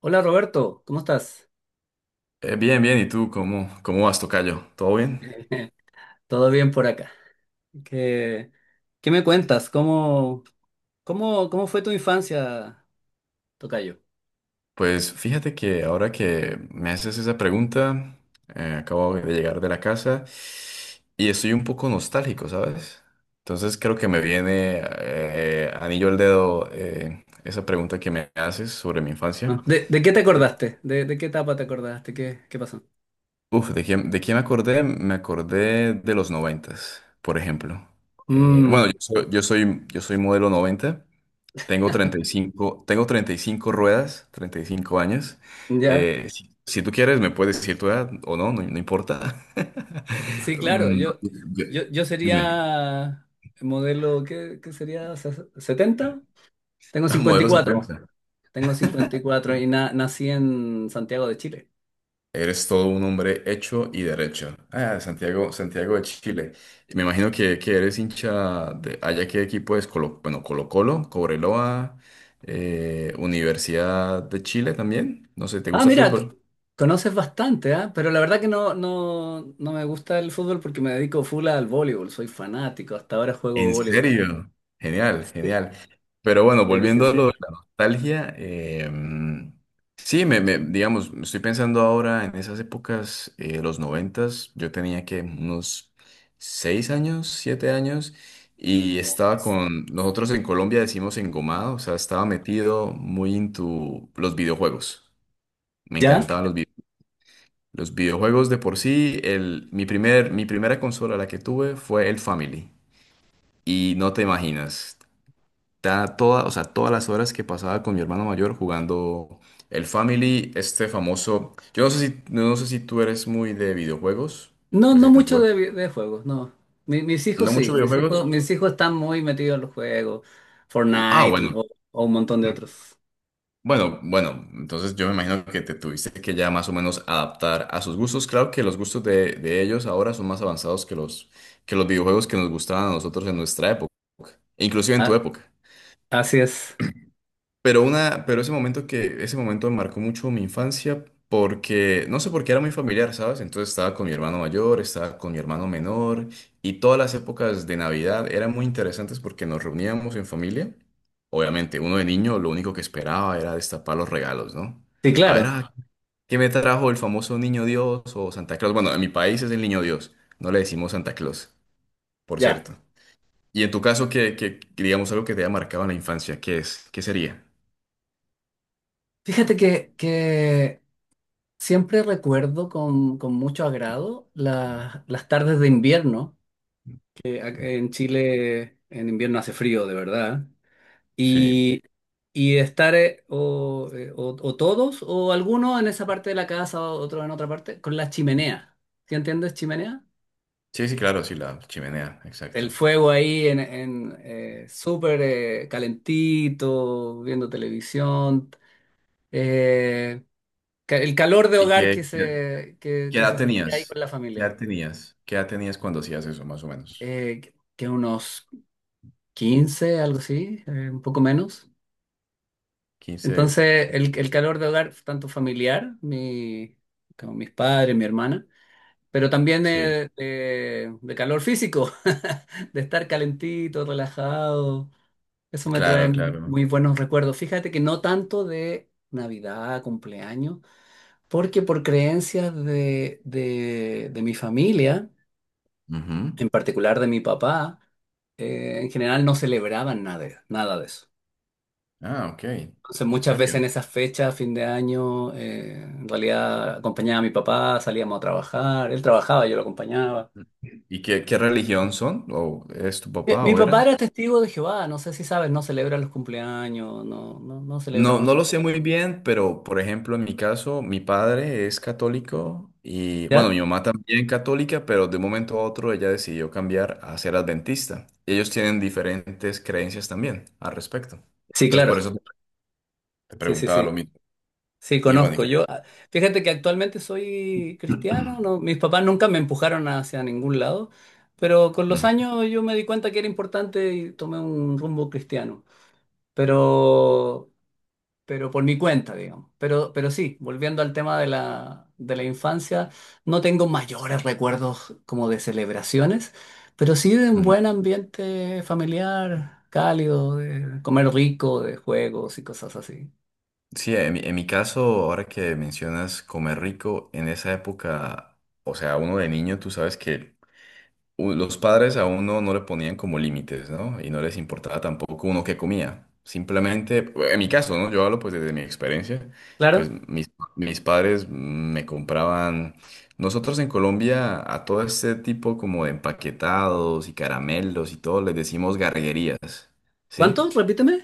Hola Roberto, ¿cómo estás? Bien, bien, ¿y tú cómo vas, tocayo? ¿Todo bien? ¿Todo bien por acá? ¿Qué, qué me cuentas? ¿Cómo fue tu infancia, tocayo? Pues fíjate que ahora que me haces esa pregunta, acabo de llegar de la casa y estoy un poco nostálgico, ¿sabes? Entonces creo que me viene anillo al dedo esa pregunta que me haces sobre mi infancia. Ah, ¿De qué te acordaste? ¿De qué etapa te acordaste? ¿Qué pasó? Uf, ¿de quién me acordé? Me acordé de los noventas, por ejemplo. Bueno, Mm, yo soy modelo 90. Tengo 35, tengo 35 ruedas, 35 años. ya. Si tú quieres, me puedes decir tu edad o no importa. Sí, claro, Mm, yo, yo- yo, yo dime, sería modelo, ¿qué sería? ¿70? Tengo modelo 54, setenta. tengo 54 y cuatro y nací en Santiago de Chile. Eres todo un hombre hecho y derecho. Ah, Santiago, Santiago de Chile. Me imagino que eres hincha de allá qué equipo es Colo, bueno, Colo-Colo, Cobreloa, Universidad de Chile también. No sé, ¿te Ah, gusta el mira, fútbol? conoces bastante, ¿ah? Pero la verdad que no me gusta el fútbol porque me dedico full al voleibol, soy fanático, hasta ahora juego ¿En voleibol. serio? Genial, genial. Pero bueno, Sí, sí, volviendo a lo sí. de la nostalgia, sí, digamos, estoy pensando ahora en esas épocas, los noventas, yo tenía que unos seis años, siete años, y estaba con, nosotros en Colombia decimos engomado, o sea, estaba metido muy into los videojuegos. Me ¿Ya? encantaban los videojuegos. Los videojuegos de por sí, el, mi primera consola la que tuve fue el Family. Y no te imaginas toda, o sea, todas las horas que pasaba con mi hermano mayor jugando el Family, este famoso. Yo no sé si tú eres muy de videojuegos, No, pues no en tu mucho época. De juegos, no. Mi- mis hijos No sí, muchos videojuegos. mis hijos están muy metidos en los juegos, Ah, Fortnite bueno. O un montón de otros. Bueno, bueno, entonces yo me imagino que te tuviste que ya más o menos adaptar a sus gustos. Claro que los gustos de ellos ahora son más avanzados que que los videojuegos que nos gustaban a nosotros en nuestra época, inclusive en tu Ah, época. así es. Pero una, pero ese momento ese momento marcó mucho mi infancia porque, no sé por qué era muy familiar, ¿sabes? Entonces estaba con mi hermano mayor, estaba con mi hermano menor y todas las épocas de Navidad eran muy interesantes porque nos reuníamos en familia. Obviamente, uno de niño lo único que esperaba era destapar los regalos, ¿no? Sí, A ver, claro. ah, ¿qué me trajo el famoso Niño Dios o Santa Claus? Bueno, en mi país es el Niño Dios, no le decimos Santa Claus, por Ya. cierto. Y en tu caso, ¿qué, digamos algo que te haya marcado en la infancia? ¿Qué es? ¿Qué sería? Fíjate que siempre recuerdo con mucho agrado las tardes de invierno. En Chile en invierno hace frío, de verdad. Sí, Y, y estar o todos o algunos en esa parte de la casa, o otro en otra parte, con la chimenea. ¿Sí entiendes chimenea? sí, sí, claro, sí, la chimenea, exacto. El fuego ahí súper calentito, viendo televisión. eh, el calor de ¿Y hogar que qué, qué, se, que, qué que edad se sentía ahí tenías? con la ¿Qué familia. edad tenías? ¿Qué edad tenías cuando hacías eso, más o menos? Que unos 15 algo así, un poco menos. Quince. Entonces, el calor de hogar, tanto familiar, mi, como mis padres, mi hermana, pero también Sí, de calor físico, de estar calentito, relajado, eso me claro, trae claro. muy buenos recuerdos. Fíjate que no tanto de Navidad, cumpleaños, porque por creencias de mi familia, Ujú. en particular de mi papá, en general no celebraban nada, nada de eso. Ah, ok, Entonces en muchas serio. veces en esas fechas, fin de año, en realidad acompañaba a mi papá, salíamos a trabajar, él trabajaba, yo lo acompañaba. ¿Y qué, qué religión son? ¿O es tu papá Mi o papá era? era testigo de Jehová, no sé si sabes, no celebra los cumpleaños, no celebra No, no mucho. lo sé muy bien, pero por ejemplo, en mi caso, mi padre es católico y bueno, ¿Ya? mi mamá también católica, pero de un momento a otro ella decidió cambiar a ser adventista. Y ellos tienen diferentes creencias también al respecto. Sí, Entonces, por claro, eso te sí, sí, preguntaba lo sí. mismo. Sí, Y bueno, ¿y conozco. qué Yo, pasa? ah, fíjate que actualmente soy cristiano, no, mis papás nunca me empujaron hacia ningún lado, pero con los Ujú, años yo me di cuenta que era importante y tomé un rumbo cristiano. Pero pero por mi cuenta, digamos. Pero sí, volviendo al tema de de la infancia, no tengo mayores recuerdos como de celebraciones, pero sí de un ujú. buen ambiente familiar, cálido, de comer rico, de juegos y cosas así. Sí, en en mi caso, ahora que mencionas comer rico, en esa época, o sea, uno de niño, tú sabes que los padres a uno no le ponían como límites, ¿no? Y no les importaba tampoco uno qué comía. Simplemente, en mi caso, ¿no? Yo hablo pues desde mi experiencia, ¿Claro? pues mis padres me compraban, nosotros en Colombia a todo este tipo como de empaquetados y caramelos y todo les decimos garguerías, ¿Cuánto? ¿sí? Repíteme.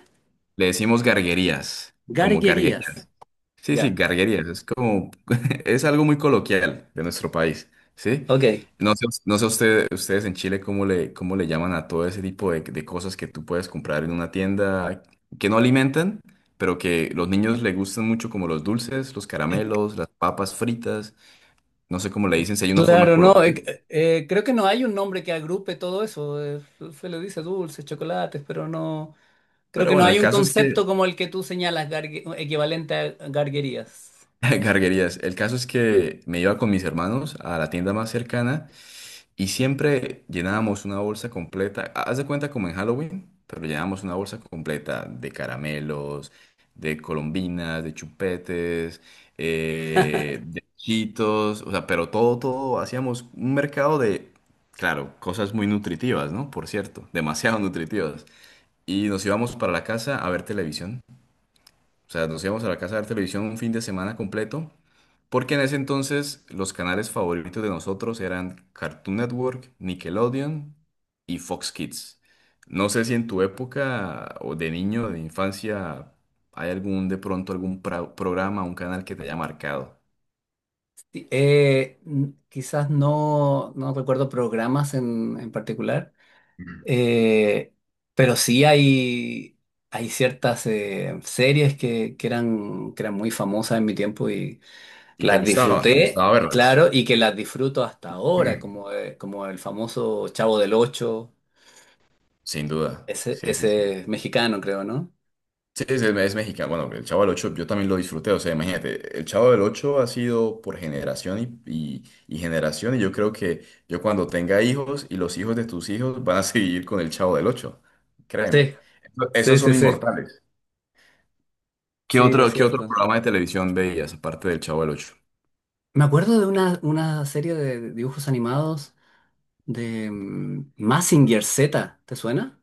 Le decimos garguerías, como Garguerías. garguerías. Sí, sí, Ya, garguerías, es como, es algo muy coloquial de nuestro país, ¿sí? ok. No sé, no sé ustedes en Chile cómo le llaman a todo ese tipo de cosas que tú puedes comprar en una tienda que no alimentan, pero que los niños le gustan mucho, como los dulces, los caramelos, las papas fritas, no sé cómo le dicen, si hay una forma Claro, no, colombiana. Creo que no hay un nombre que agrupe todo eso. Se le dice dulces, chocolates, pero no. Creo Pero que no bueno, hay el un caso es que, concepto como el que tú señalas, equivalente a garguerías. garguerías, el caso es que me iba con mis hermanos a la tienda más cercana. Y siempre llenábamos una bolsa completa, haz de cuenta como en Halloween, pero llenábamos una bolsa completa de caramelos, de colombinas, de chupetes, de chitos, o sea, pero todo, todo, hacíamos un mercado de, claro, cosas muy nutritivas, ¿no? Por cierto, demasiado nutritivas. Y nos íbamos para la casa a ver televisión. O sea, nos íbamos a la casa a ver televisión un fin de semana completo, porque en ese entonces los canales favoritos de nosotros eran Cartoon Network, Nickelodeon y Fox Kids. No sé si en tu época o de niño, de infancia, hay algún, de pronto, algún programa, un canal que te haya marcado Sí, quizás no, no recuerdo programas en particular, eh, pero sí hay ciertas series que eran muy famosas en mi tiempo y y te las te disfruté, gustaba verlas, claro, y que las disfruto hasta ahora, como, como el famoso Chavo del Ocho, sin duda. ese, Sí, sí, sí. ese mexicano, creo, ¿no? Sí, sí, es mexicano. Bueno, el Chavo del Ocho yo también lo disfruté. O sea, imagínate, el Chavo del Ocho ha sido por generación y generación. Y yo creo que yo cuando tenga hijos y los hijos de tus hijos van a seguir con el Chavo del Ocho. Créeme. Sí, Esos sí, sí, son sí, inmortales. Sí, es Qué otro cierto. programa de televisión veías aparte del Chavo del Ocho? Me acuerdo de una serie de dibujos animados de Mazinger Z, ¿te suena?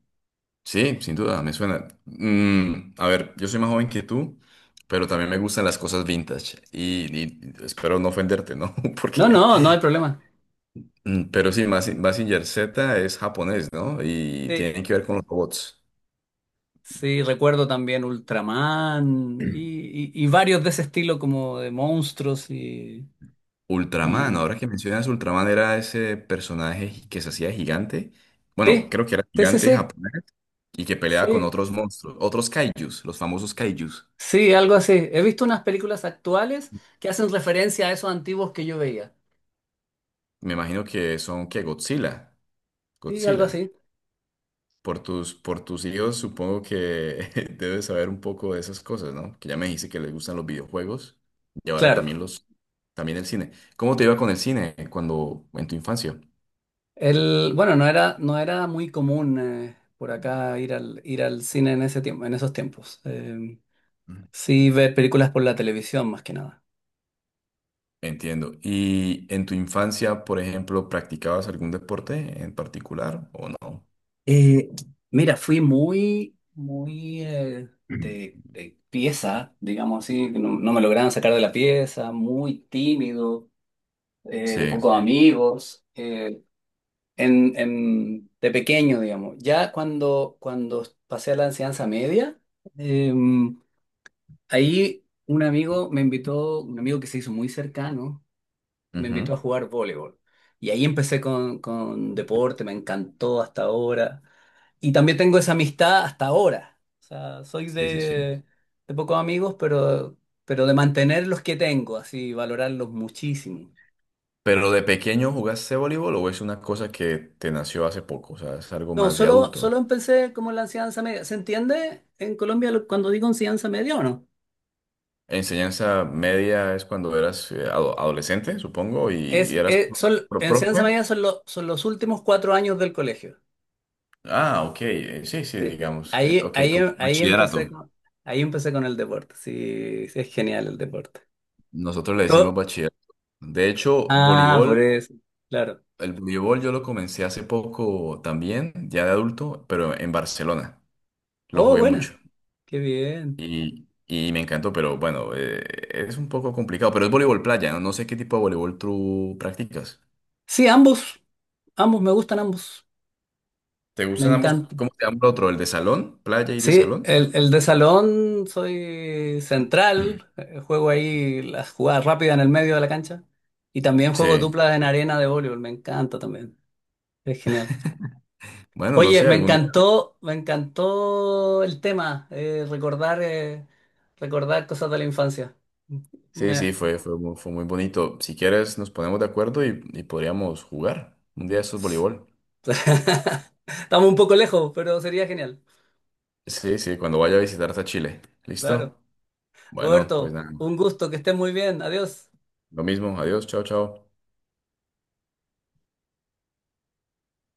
Sí, sin duda, me suena. Mm, a ver, yo soy más joven que tú, pero también me gustan las cosas vintage. Y espero no ofenderte, ¿no? No, Porque no, no hay problema. mm, pero sí, Mazinger Z es japonés, ¿no? Y Sí, tiene que ver con los robots. sí, recuerdo también Ultraman y, y varios de ese estilo como de monstruos Ultraman, y... ahora que mencionas Ultraman, era ese personaje que se hacía gigante. Bueno, Sí, creo que era sí, sí, gigante sí, japonés y que peleaba con sí, otros monstruos, otros kaijus, los famosos kaijus. sí, algo así. He visto unas películas actuales que hacen referencia a esos antiguos que yo veía. Me imagino que que Godzilla. Sí, algo Godzilla. así. Por por tus hijos, supongo que debes saber un poco de esas cosas, ¿no? Que ya me dijiste que les gustan los videojuegos y ahora Claro. también también el cine. ¿Cómo te iba con el cine en tu infancia? El, bueno, no era muy común por acá ir ir al cine en ese tiempo, en esos tiempos. Mm. Sí, ver películas por la televisión más que nada. Entiendo. ¿Y en tu infancia, por ejemplo, practicabas algún deporte en particular o no? Eh, Mira, fui muy, muy Mm. de pieza, digamos así, que no, no me lograban sacar de la pieza, muy tímido, de Sí. pocos amigos, de pequeño, digamos. Ya cuando, cuando pasé a la enseñanza media, em, ahí un amigo me invitó, un amigo que se hizo muy cercano, me invitó a Ujú. jugar voleibol. Y ahí empecé con deporte, me encantó hasta ahora. Y también tengo esa amistad hasta ahora. O sea, soy Sí, sí, sí. De pocos amigos, pero de mantener los que tengo, así, valorarlos muchísimo. ¿Pero de pequeño jugaste voleibol o es una cosa que te nació hace poco? O sea, es algo No, más de adulto. solo empecé como en la enseñanza media. ¿Se entiende en Colombia cuando digo enseñanza media o no? Enseñanza media es cuando eras adolescente, supongo, y eras Enseñanza profe. media son los últimos cuatro años del colegio. Ah, ok, sí, sí, Sí. digamos. Ok, como Ahí empecé bachillerato. Con el deporte. Sí, sí, es genial el deporte. Nosotros le To- decimos bachillerato. De hecho, ah, voleibol, por eso, claro. el voleibol yo lo comencé hace poco también, ya de adulto, pero en Barcelona. Lo Oh, jugué mucho buena. Qué bien. Y me encantó, pero bueno, es un poco complicado, pero es voleibol playa, ¿no? No sé qué tipo de voleibol tú practicas. Sí, ambos, ambos, me gustan ambos. ¿Te Me gustan ambos? encanta. ¿Cómo se llama el otro? ¿El de salón? ¿Playa y de Sí, salón? El de salón soy central, juego ahí las jugadas rápidas en el medio de la cancha y también juego Sí, duplas en arena de voleibol, me encanta también, es genial. bueno, no Oye, sé, algún día. Me encantó el tema, recordar cosas de la infancia. Sí, Me- fue muy bonito. Si quieres, nos ponemos de acuerdo y podríamos jugar un día de estos voleibol. Estamos un poco lejos, pero sería genial. Sí, sí, cuando vaya a visitarte a Chile. Claro. ¿Listo? Bueno, pues Roberto, nada, un gusto, que estés muy bien. Adiós. lo mismo. Adiós, chao, chao.